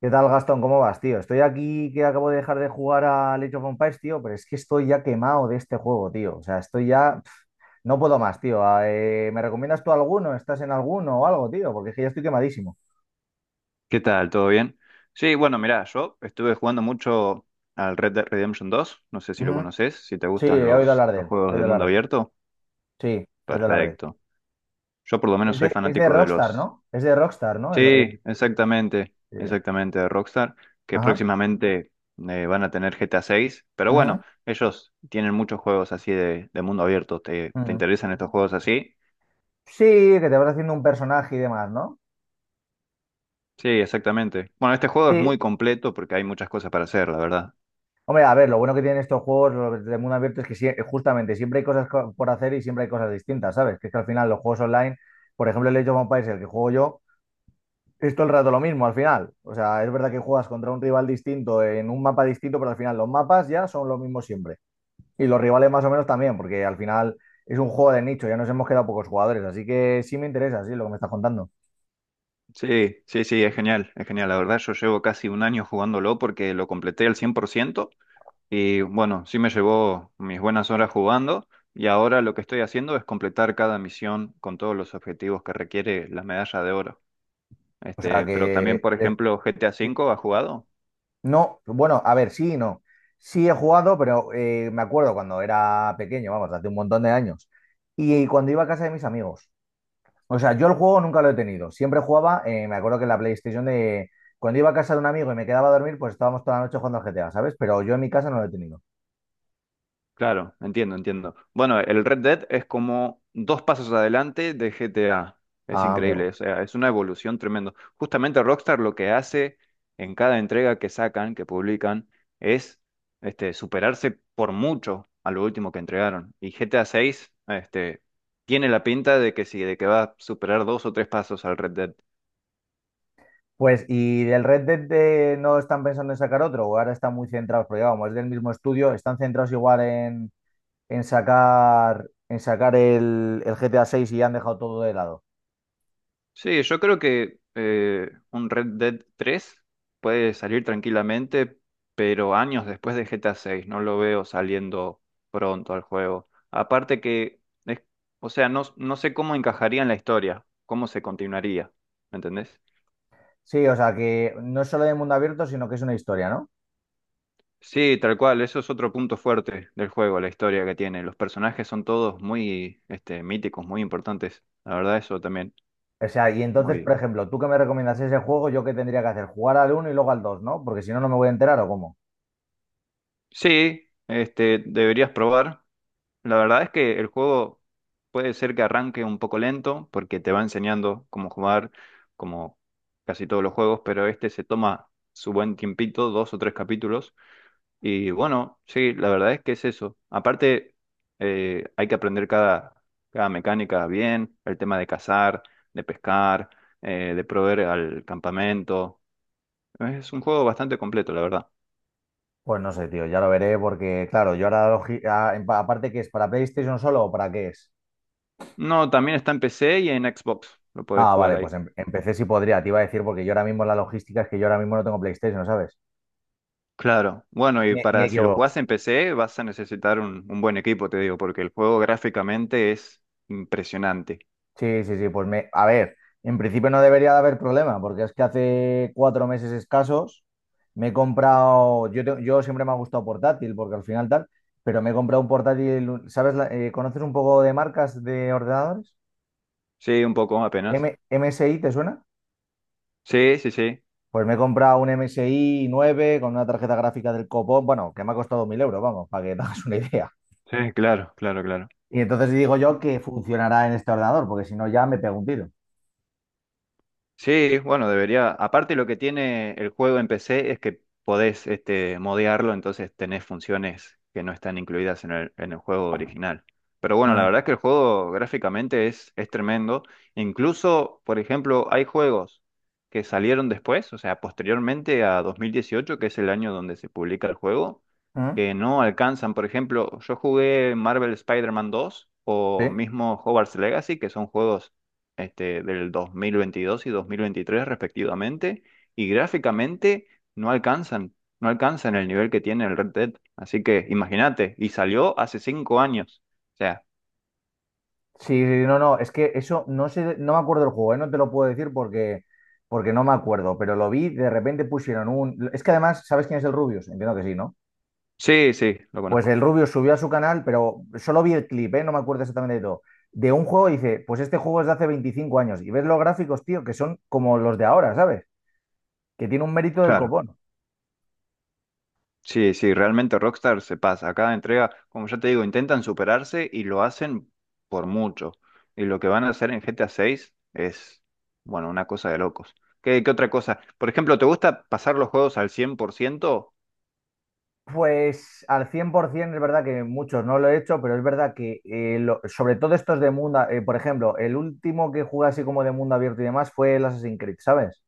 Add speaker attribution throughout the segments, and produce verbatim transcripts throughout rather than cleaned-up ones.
Speaker 1: ¿Qué tal, Gastón? ¿Cómo vas, tío? Estoy aquí que acabo de dejar de jugar a Age of Empires, tío, pero es que estoy ya quemado de este juego, tío. O sea, estoy ya, pf, no puedo más, tío. Ah, eh, ¿me recomiendas tú alguno? ¿Estás en alguno o algo, tío? Porque es que ya estoy quemadísimo.
Speaker 2: ¿Qué tal? ¿Todo bien? Sí, bueno, mirá, yo estuve jugando mucho al Red Dead Redemption dos, no sé si lo
Speaker 1: Ujú.
Speaker 2: conoces, si te
Speaker 1: Sí,
Speaker 2: gustan
Speaker 1: he oído
Speaker 2: los,
Speaker 1: hablar de
Speaker 2: los
Speaker 1: él. He
Speaker 2: juegos
Speaker 1: oído
Speaker 2: de mundo
Speaker 1: hablar de él.
Speaker 2: abierto,
Speaker 1: Sí, he oído hablar de él.
Speaker 2: perfecto. Yo por lo menos
Speaker 1: Es
Speaker 2: soy
Speaker 1: de, es de
Speaker 2: fanático de
Speaker 1: Rockstar,
Speaker 2: los.
Speaker 1: ¿no? Es de Rockstar, ¿no? El-
Speaker 2: Sí,
Speaker 1: el-
Speaker 2: exactamente,
Speaker 1: eh,
Speaker 2: exactamente, de Rockstar, que
Speaker 1: Ajá.
Speaker 2: próximamente eh, van a tener G T A seis, pero
Speaker 1: Ujú,
Speaker 2: bueno, ellos tienen muchos juegos así de, de mundo abierto, ¿te, te
Speaker 1: ujú.
Speaker 2: interesan estos juegos así?
Speaker 1: Sí, que te vas haciendo un personaje y demás, ¿no?
Speaker 2: Sí, exactamente. Bueno, este juego es
Speaker 1: Sí.
Speaker 2: muy completo porque hay muchas cosas para hacer, la verdad.
Speaker 1: Hombre, a ver, lo bueno que tienen estos juegos los de mundo abierto es que sie- justamente siempre hay cosas co- por hacer y siempre hay cosas distintas, ¿sabes? Que es que al final los juegos online, por ejemplo, el Age of Empires, el que juego yo, es todo el rato lo mismo al final. O sea, es verdad que juegas contra un rival distinto en un mapa distinto, pero al final los mapas ya son los mismos siempre. Y los rivales más o menos también, porque al final es un juego de nicho, ya nos hemos quedado pocos jugadores, así que sí me interesa, sí, lo que me estás contando.
Speaker 2: Sí, sí, sí, es genial, es genial. La verdad, yo llevo casi un año jugándolo porque lo completé al cien por ciento y bueno, sí me llevó mis buenas horas jugando y ahora lo que estoy haciendo es completar cada misión con todos los objetivos que requiere la medalla de oro.
Speaker 1: O sea
Speaker 2: Este,
Speaker 1: que,
Speaker 2: pero también, por ejemplo, G T A V, ¿has jugado?
Speaker 1: no, bueno, a ver, sí y no. Sí he jugado, pero eh, me acuerdo cuando era pequeño, vamos, hace un montón de años. Y cuando iba a casa de mis amigos. O sea, yo el juego nunca lo he tenido. Siempre jugaba, eh, me acuerdo que en la PlayStation de, cuando iba a casa de un amigo y me quedaba a dormir, pues estábamos toda la noche jugando al G T A, ¿sabes? Pero yo en mi casa no lo he tenido.
Speaker 2: Claro, entiendo, entiendo. Bueno, el Red Dead es como dos pasos adelante de G T A. Es
Speaker 1: Ah, amigo.
Speaker 2: increíble, o sea, es una evolución tremenda. Justamente Rockstar lo que hace en cada entrega que sacan, que publican, es este, superarse por mucho a lo último que entregaron. Y G T A seis este, tiene la pinta de que sí, de que va a superar dos o tres pasos al Red Dead.
Speaker 1: Pues, ¿y del Red Dead de- no están pensando en sacar otro? ¿O ahora están muy centrados? Porque vamos, es del mismo estudio, están centrados igual en, en sacar, en sacar el, el G T A seis y ya han dejado todo de lado.
Speaker 2: Sí, yo creo que eh, un Red Dead tres puede salir tranquilamente, pero años después de G T A seis, no lo veo saliendo pronto al juego. Aparte que, es- o sea, no, no sé cómo encajaría en la historia, cómo se continuaría, ¿me entendés?
Speaker 1: Sí, o sea, que no es solo de mundo abierto, sino que es una historia, ¿no?
Speaker 2: Sí, tal cual, eso es otro punto fuerte del juego, la historia que tiene. Los personajes son todos muy este, míticos, muy importantes. La verdad, eso también,
Speaker 1: O sea, y entonces,
Speaker 2: muy
Speaker 1: por
Speaker 2: bien.
Speaker 1: ejemplo, tú que me recomiendas ese juego, yo qué tendría que hacer, jugar al uno y luego al dos, ¿no? Porque si no, no me voy a enterar o cómo.
Speaker 2: Sí, este, deberías probar. La verdad es que el juego puede ser que arranque un poco lento porque te va enseñando cómo jugar, como casi todos los juegos, pero este se toma su buen tiempito, dos o tres capítulos. Y bueno, sí, la verdad es que es eso. Aparte, eh, hay que aprender cada, cada mecánica bien, el tema de cazar, de pescar, eh, de proveer al campamento. Es un juego bastante completo, la verdad.
Speaker 1: Pues no sé, tío, ya lo veré porque, claro, yo ahora, logi- a- en- aparte que es para PlayStation solo o para qué es.
Speaker 2: No, también está en P C y en Xbox, lo puedes
Speaker 1: Ah,
Speaker 2: jugar
Speaker 1: vale, pues
Speaker 2: ahí.
Speaker 1: em, empecé si podría, te iba a decir, porque yo ahora mismo la logística es que yo ahora mismo no tengo PlayStation, ¿sabes?
Speaker 2: Claro, bueno, y
Speaker 1: Ni, ni
Speaker 2: para si lo
Speaker 1: equivoco.
Speaker 2: jugás en P C vas a necesitar un, un buen equipo, te digo, porque el juego gráficamente es impresionante.
Speaker 1: Sí, sí, sí, pues me, a ver, en principio no debería de haber problema, porque es que hace cuatro meses escasos me he comprado, yo, te- yo siempre me ha gustado portátil, porque al final tal, pero me he comprado un portátil, ¿sabes? La- eh, ¿conoces un poco de marcas de ordenadores?
Speaker 2: Sí, un poco apenas.
Speaker 1: M- MSI, ¿te suena?
Speaker 2: Sí, sí, sí.
Speaker 1: Pues me he comprado un M S I nueve con una tarjeta gráfica del copón, bueno, que me ha costado mil euros, vamos, para que te hagas una idea.
Speaker 2: Sí, claro, claro, claro.
Speaker 1: Y entonces digo yo que funcionará en este ordenador, porque si no ya me pego un tiro.
Speaker 2: Sí, bueno, debería. Aparte, lo que tiene el juego en P C es que podés este, modearlo, entonces tenés funciones que no están incluidas en el, en el juego original. Pero bueno, la
Speaker 1: Mm,
Speaker 2: verdad es que el juego gráficamente es, es tremendo. Incluso, por ejemplo, hay juegos que salieron después, o sea, posteriormente a dos mil dieciocho, que es el año donde se publica el juego,
Speaker 1: mm,
Speaker 2: que no alcanzan. Por ejemplo, yo jugué Marvel Spider-Man dos o
Speaker 1: sí.
Speaker 2: mismo Hogwarts Legacy, que son juegos este, del dos mil veintidós y dos mil veintitrés respectivamente, y gráficamente no alcanzan, no alcanzan el nivel que tiene el Red Dead. Así que imagínate, y salió hace cinco años. O sea,
Speaker 1: Sí, sí, sí, no, no, es que eso no sé, no me acuerdo del juego, ¿eh? No te lo puedo decir porque, porque no me acuerdo, pero lo vi, de repente pusieron un, es que además, ¿sabes quién es el Rubius? Entiendo que sí, ¿no?
Speaker 2: sí, sí, lo
Speaker 1: Pues
Speaker 2: conozco.
Speaker 1: el Rubius subió a su canal, pero solo vi el clip, ¿eh? No me acuerdo exactamente de todo. De un juego y dice, pues este juego es de hace veinticinco años y ves los gráficos, tío, que son como los de ahora, ¿sabes? Que tiene un mérito del
Speaker 2: Claro.
Speaker 1: copón.
Speaker 2: Sí, sí, realmente Rockstar se pasa. Cada entrega, como ya te digo, intentan superarse y lo hacen por mucho. Y lo que van a hacer en G T A seis es, bueno, una cosa de locos. ¿Qué, qué otra cosa? Por ejemplo, ¿te gusta pasar los juegos al cien por ciento?
Speaker 1: Pues al cien por ciento es verdad que muchos no lo he hecho, pero es verdad que eh, lo- sobre todo estos de mundo, eh, por ejemplo, el último que jugué así como de mundo abierto y demás fue el Assassin's Creed, ¿sabes?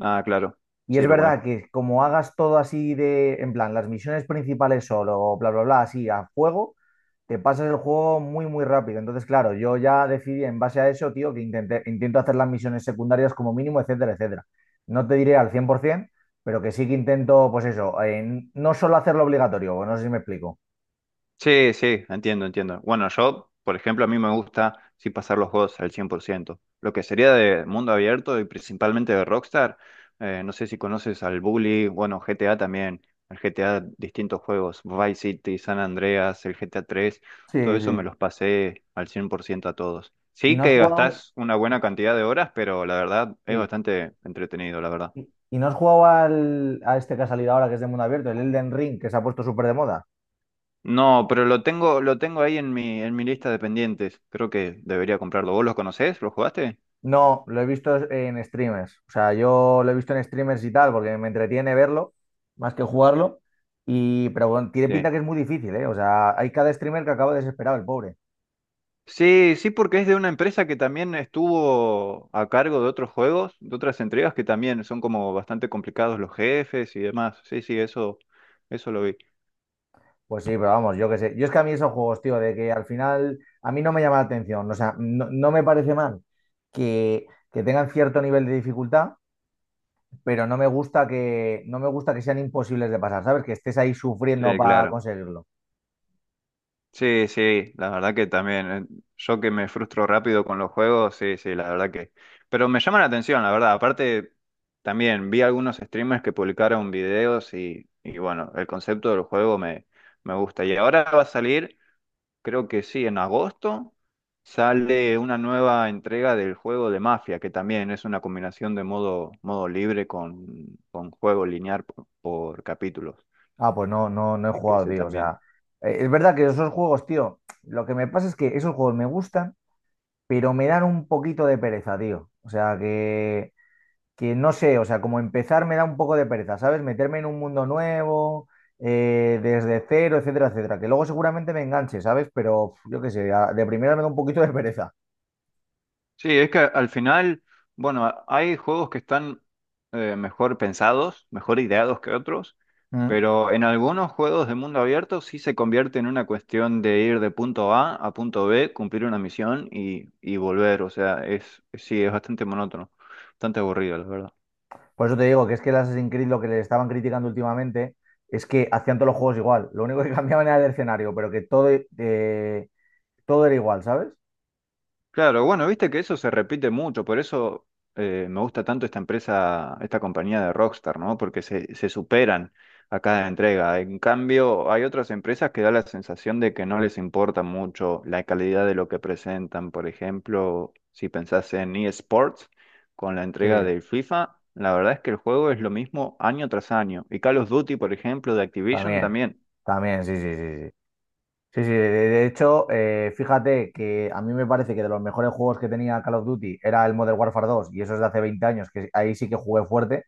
Speaker 2: Ah, claro.
Speaker 1: Y es
Speaker 2: Sí, lo
Speaker 1: verdad
Speaker 2: conozco.
Speaker 1: que como hagas todo así de, en plan, las misiones principales solo, bla, bla, bla, así a fuego, te pasas el juego muy, muy rápido. Entonces, claro, yo ya decidí en base a eso, tío, que intenté, intento hacer las misiones secundarias como mínimo, etcétera, etcétera. No te diré al cien por ciento, pero que sí que intento, pues eso, eh, no solo hacerlo obligatorio, no sé si me explico.
Speaker 2: Sí, sí, entiendo, entiendo. Bueno, yo, por ejemplo, a mí me gusta sí pasar los juegos al cien por ciento. Lo que sería de mundo abierto y principalmente de Rockstar, eh, no sé si conoces al Bully, bueno, G T A también, el G T A, distintos juegos, Vice City, San Andreas, el G T A tres,
Speaker 1: Sí,
Speaker 2: todo eso me
Speaker 1: sí.
Speaker 2: los pasé al cien por ciento a todos.
Speaker 1: ¿Y
Speaker 2: Sí
Speaker 1: no has
Speaker 2: que
Speaker 1: jugado?
Speaker 2: gastás una buena cantidad de horas, pero la verdad es
Speaker 1: Sí.
Speaker 2: bastante entretenido, la verdad.
Speaker 1: ¿Y, y no has jugado al, a este que ha salido ahora, que es de mundo abierto, el Elden Ring, que se ha puesto súper de moda?
Speaker 2: No, pero lo tengo, lo tengo ahí en mi, en mi lista de pendientes. Creo que debería comprarlo. ¿Vos los conocés? ¿Los jugaste?
Speaker 1: No, lo he visto en streamers. O sea, yo lo he visto en streamers y tal, porque me entretiene verlo más que jugarlo. Y, pero bueno, tiene pinta
Speaker 2: Sí.
Speaker 1: que es muy difícil, ¿eh? O sea, hay cada streamer que acaba desesperado, el pobre.
Speaker 2: Sí, sí, porque es de una empresa que también estuvo a cargo de otros juegos, de otras entregas que también son como bastante complicados los jefes y demás. Sí, sí, eso, eso lo vi.
Speaker 1: Pues sí, pero vamos, yo qué sé. Yo es que a mí esos juegos, tío, de que al final a mí no me llama la atención. O sea, no, no me parece mal que, que tengan cierto nivel de dificultad, pero no me gusta que, no me gusta que sean imposibles de pasar, ¿sabes? Que estés ahí sufriendo
Speaker 2: Sí,
Speaker 1: para
Speaker 2: claro.
Speaker 1: conseguirlo.
Speaker 2: Sí, sí, la verdad que también. eh, Yo que me frustro rápido con los juegos, sí, sí, la verdad que. Pero me llama la atención, la verdad. Aparte, también vi algunos streamers que publicaron videos y, y bueno, el concepto del juego me, me gusta. Y ahora va a salir, creo que sí, en agosto, sale una nueva entrega del juego de Mafia, que también es una combinación de modo, modo libre con, con juego lineal por, por capítulos.
Speaker 1: Ah, pues no, no, no he
Speaker 2: Así que
Speaker 1: jugado,
Speaker 2: ese
Speaker 1: tío. O sea,
Speaker 2: también.
Speaker 1: eh, es verdad que esos juegos, tío, lo que me pasa es que esos juegos me gustan, pero me dan un poquito de pereza, tío. O sea, que, que no sé, o sea, como empezar me da un poco de pereza, ¿sabes? Meterme en un mundo nuevo, eh, desde cero, etcétera, etcétera. Que luego seguramente me enganche, ¿sabes? Pero pf, yo qué sé, a- de primera me da un poquito de pereza.
Speaker 2: Sí, es que al final, bueno, a- hay juegos que están eh, mejor pensados, mejor ideados que otros,
Speaker 1: Mm.
Speaker 2: pero en algunos juegos de mundo abierto sí se convierte en una cuestión de ir de punto A a punto B, cumplir una misión y, y volver. O sea, es, sí, es bastante monótono, bastante aburrido, la verdad.
Speaker 1: Por eso te digo que es que el Assassin's Creed lo que le estaban criticando últimamente es que hacían todos los juegos igual. Lo único que cambiaban era el escenario, pero que todo, eh, todo era igual, ¿sabes?
Speaker 2: Claro, bueno, viste que eso se repite mucho, por eso eh, me gusta tanto esta empresa, esta compañía de Rockstar, ¿no? Porque se, se superan a cada entrega. En cambio, hay otras empresas que da la sensación de que no les importa mucho la calidad de lo que presentan. Por ejemplo, si pensás en eSports, con la
Speaker 1: Sí,
Speaker 2: entrega del FIFA, la verdad es que el juego es lo mismo año tras año. Y Call of Duty, por ejemplo, de Activision
Speaker 1: también,
Speaker 2: también.
Speaker 1: también, sí, sí, sí, sí. Sí, sí, de, de hecho, eh, fíjate que a mí me parece que de los mejores juegos que tenía Call of Duty era el Modern Warfare dos y eso es de hace veinte años, que ahí sí que jugué fuerte,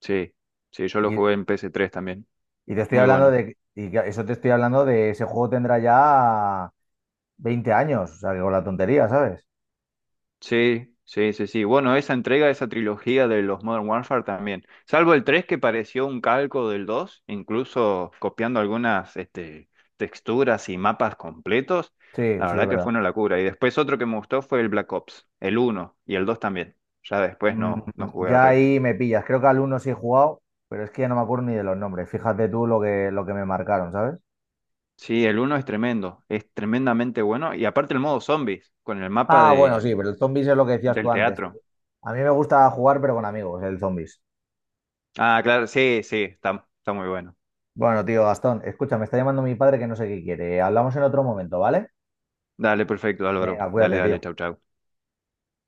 Speaker 2: Sí, sí, yo lo jugué
Speaker 1: y,
Speaker 2: en P S tres también.
Speaker 1: y te estoy
Speaker 2: Muy
Speaker 1: hablando
Speaker 2: bueno.
Speaker 1: de, y que eso te estoy hablando de ese juego tendrá ya veinte años, o sea, que con la tontería, ¿sabes?
Speaker 2: Sí, sí, sí, sí. Bueno, esa entrega, esa trilogía de los Modern Warfare también. Salvo el tres que pareció un calco del dos, incluso copiando algunas este, texturas y mapas completos.
Speaker 1: Sí,
Speaker 2: La
Speaker 1: sí, es
Speaker 2: verdad que
Speaker 1: verdad.
Speaker 2: fue una locura. Y después otro que me gustó fue el Black Ops, el uno y el dos también. Ya después
Speaker 1: Mm,
Speaker 2: no, no jugué al
Speaker 1: ya
Speaker 2: resto.
Speaker 1: ahí me pillas, creo que al uno sí he jugado, pero es que ya no me acuerdo ni de los nombres, fíjate tú lo que, lo que me marcaron, ¿sabes?
Speaker 2: Sí, el uno es tremendo, es tremendamente bueno. Y aparte el modo zombies, con el mapa
Speaker 1: Ah, bueno,
Speaker 2: de,
Speaker 1: sí, pero el zombies es lo que decías
Speaker 2: del
Speaker 1: tú antes, tío.
Speaker 2: teatro.
Speaker 1: A mí me gusta jugar, pero con amigos, el zombies.
Speaker 2: Ah, claro, sí, sí, está, está muy bueno.
Speaker 1: Bueno, tío, Gastón, escucha, me está llamando mi padre que no sé qué quiere. Hablamos en otro momento, ¿vale?
Speaker 2: Dale, perfecto, Álvaro.
Speaker 1: Venga,
Speaker 2: Dale,
Speaker 1: cuídate,
Speaker 2: dale,
Speaker 1: tío.
Speaker 2: chau, chau.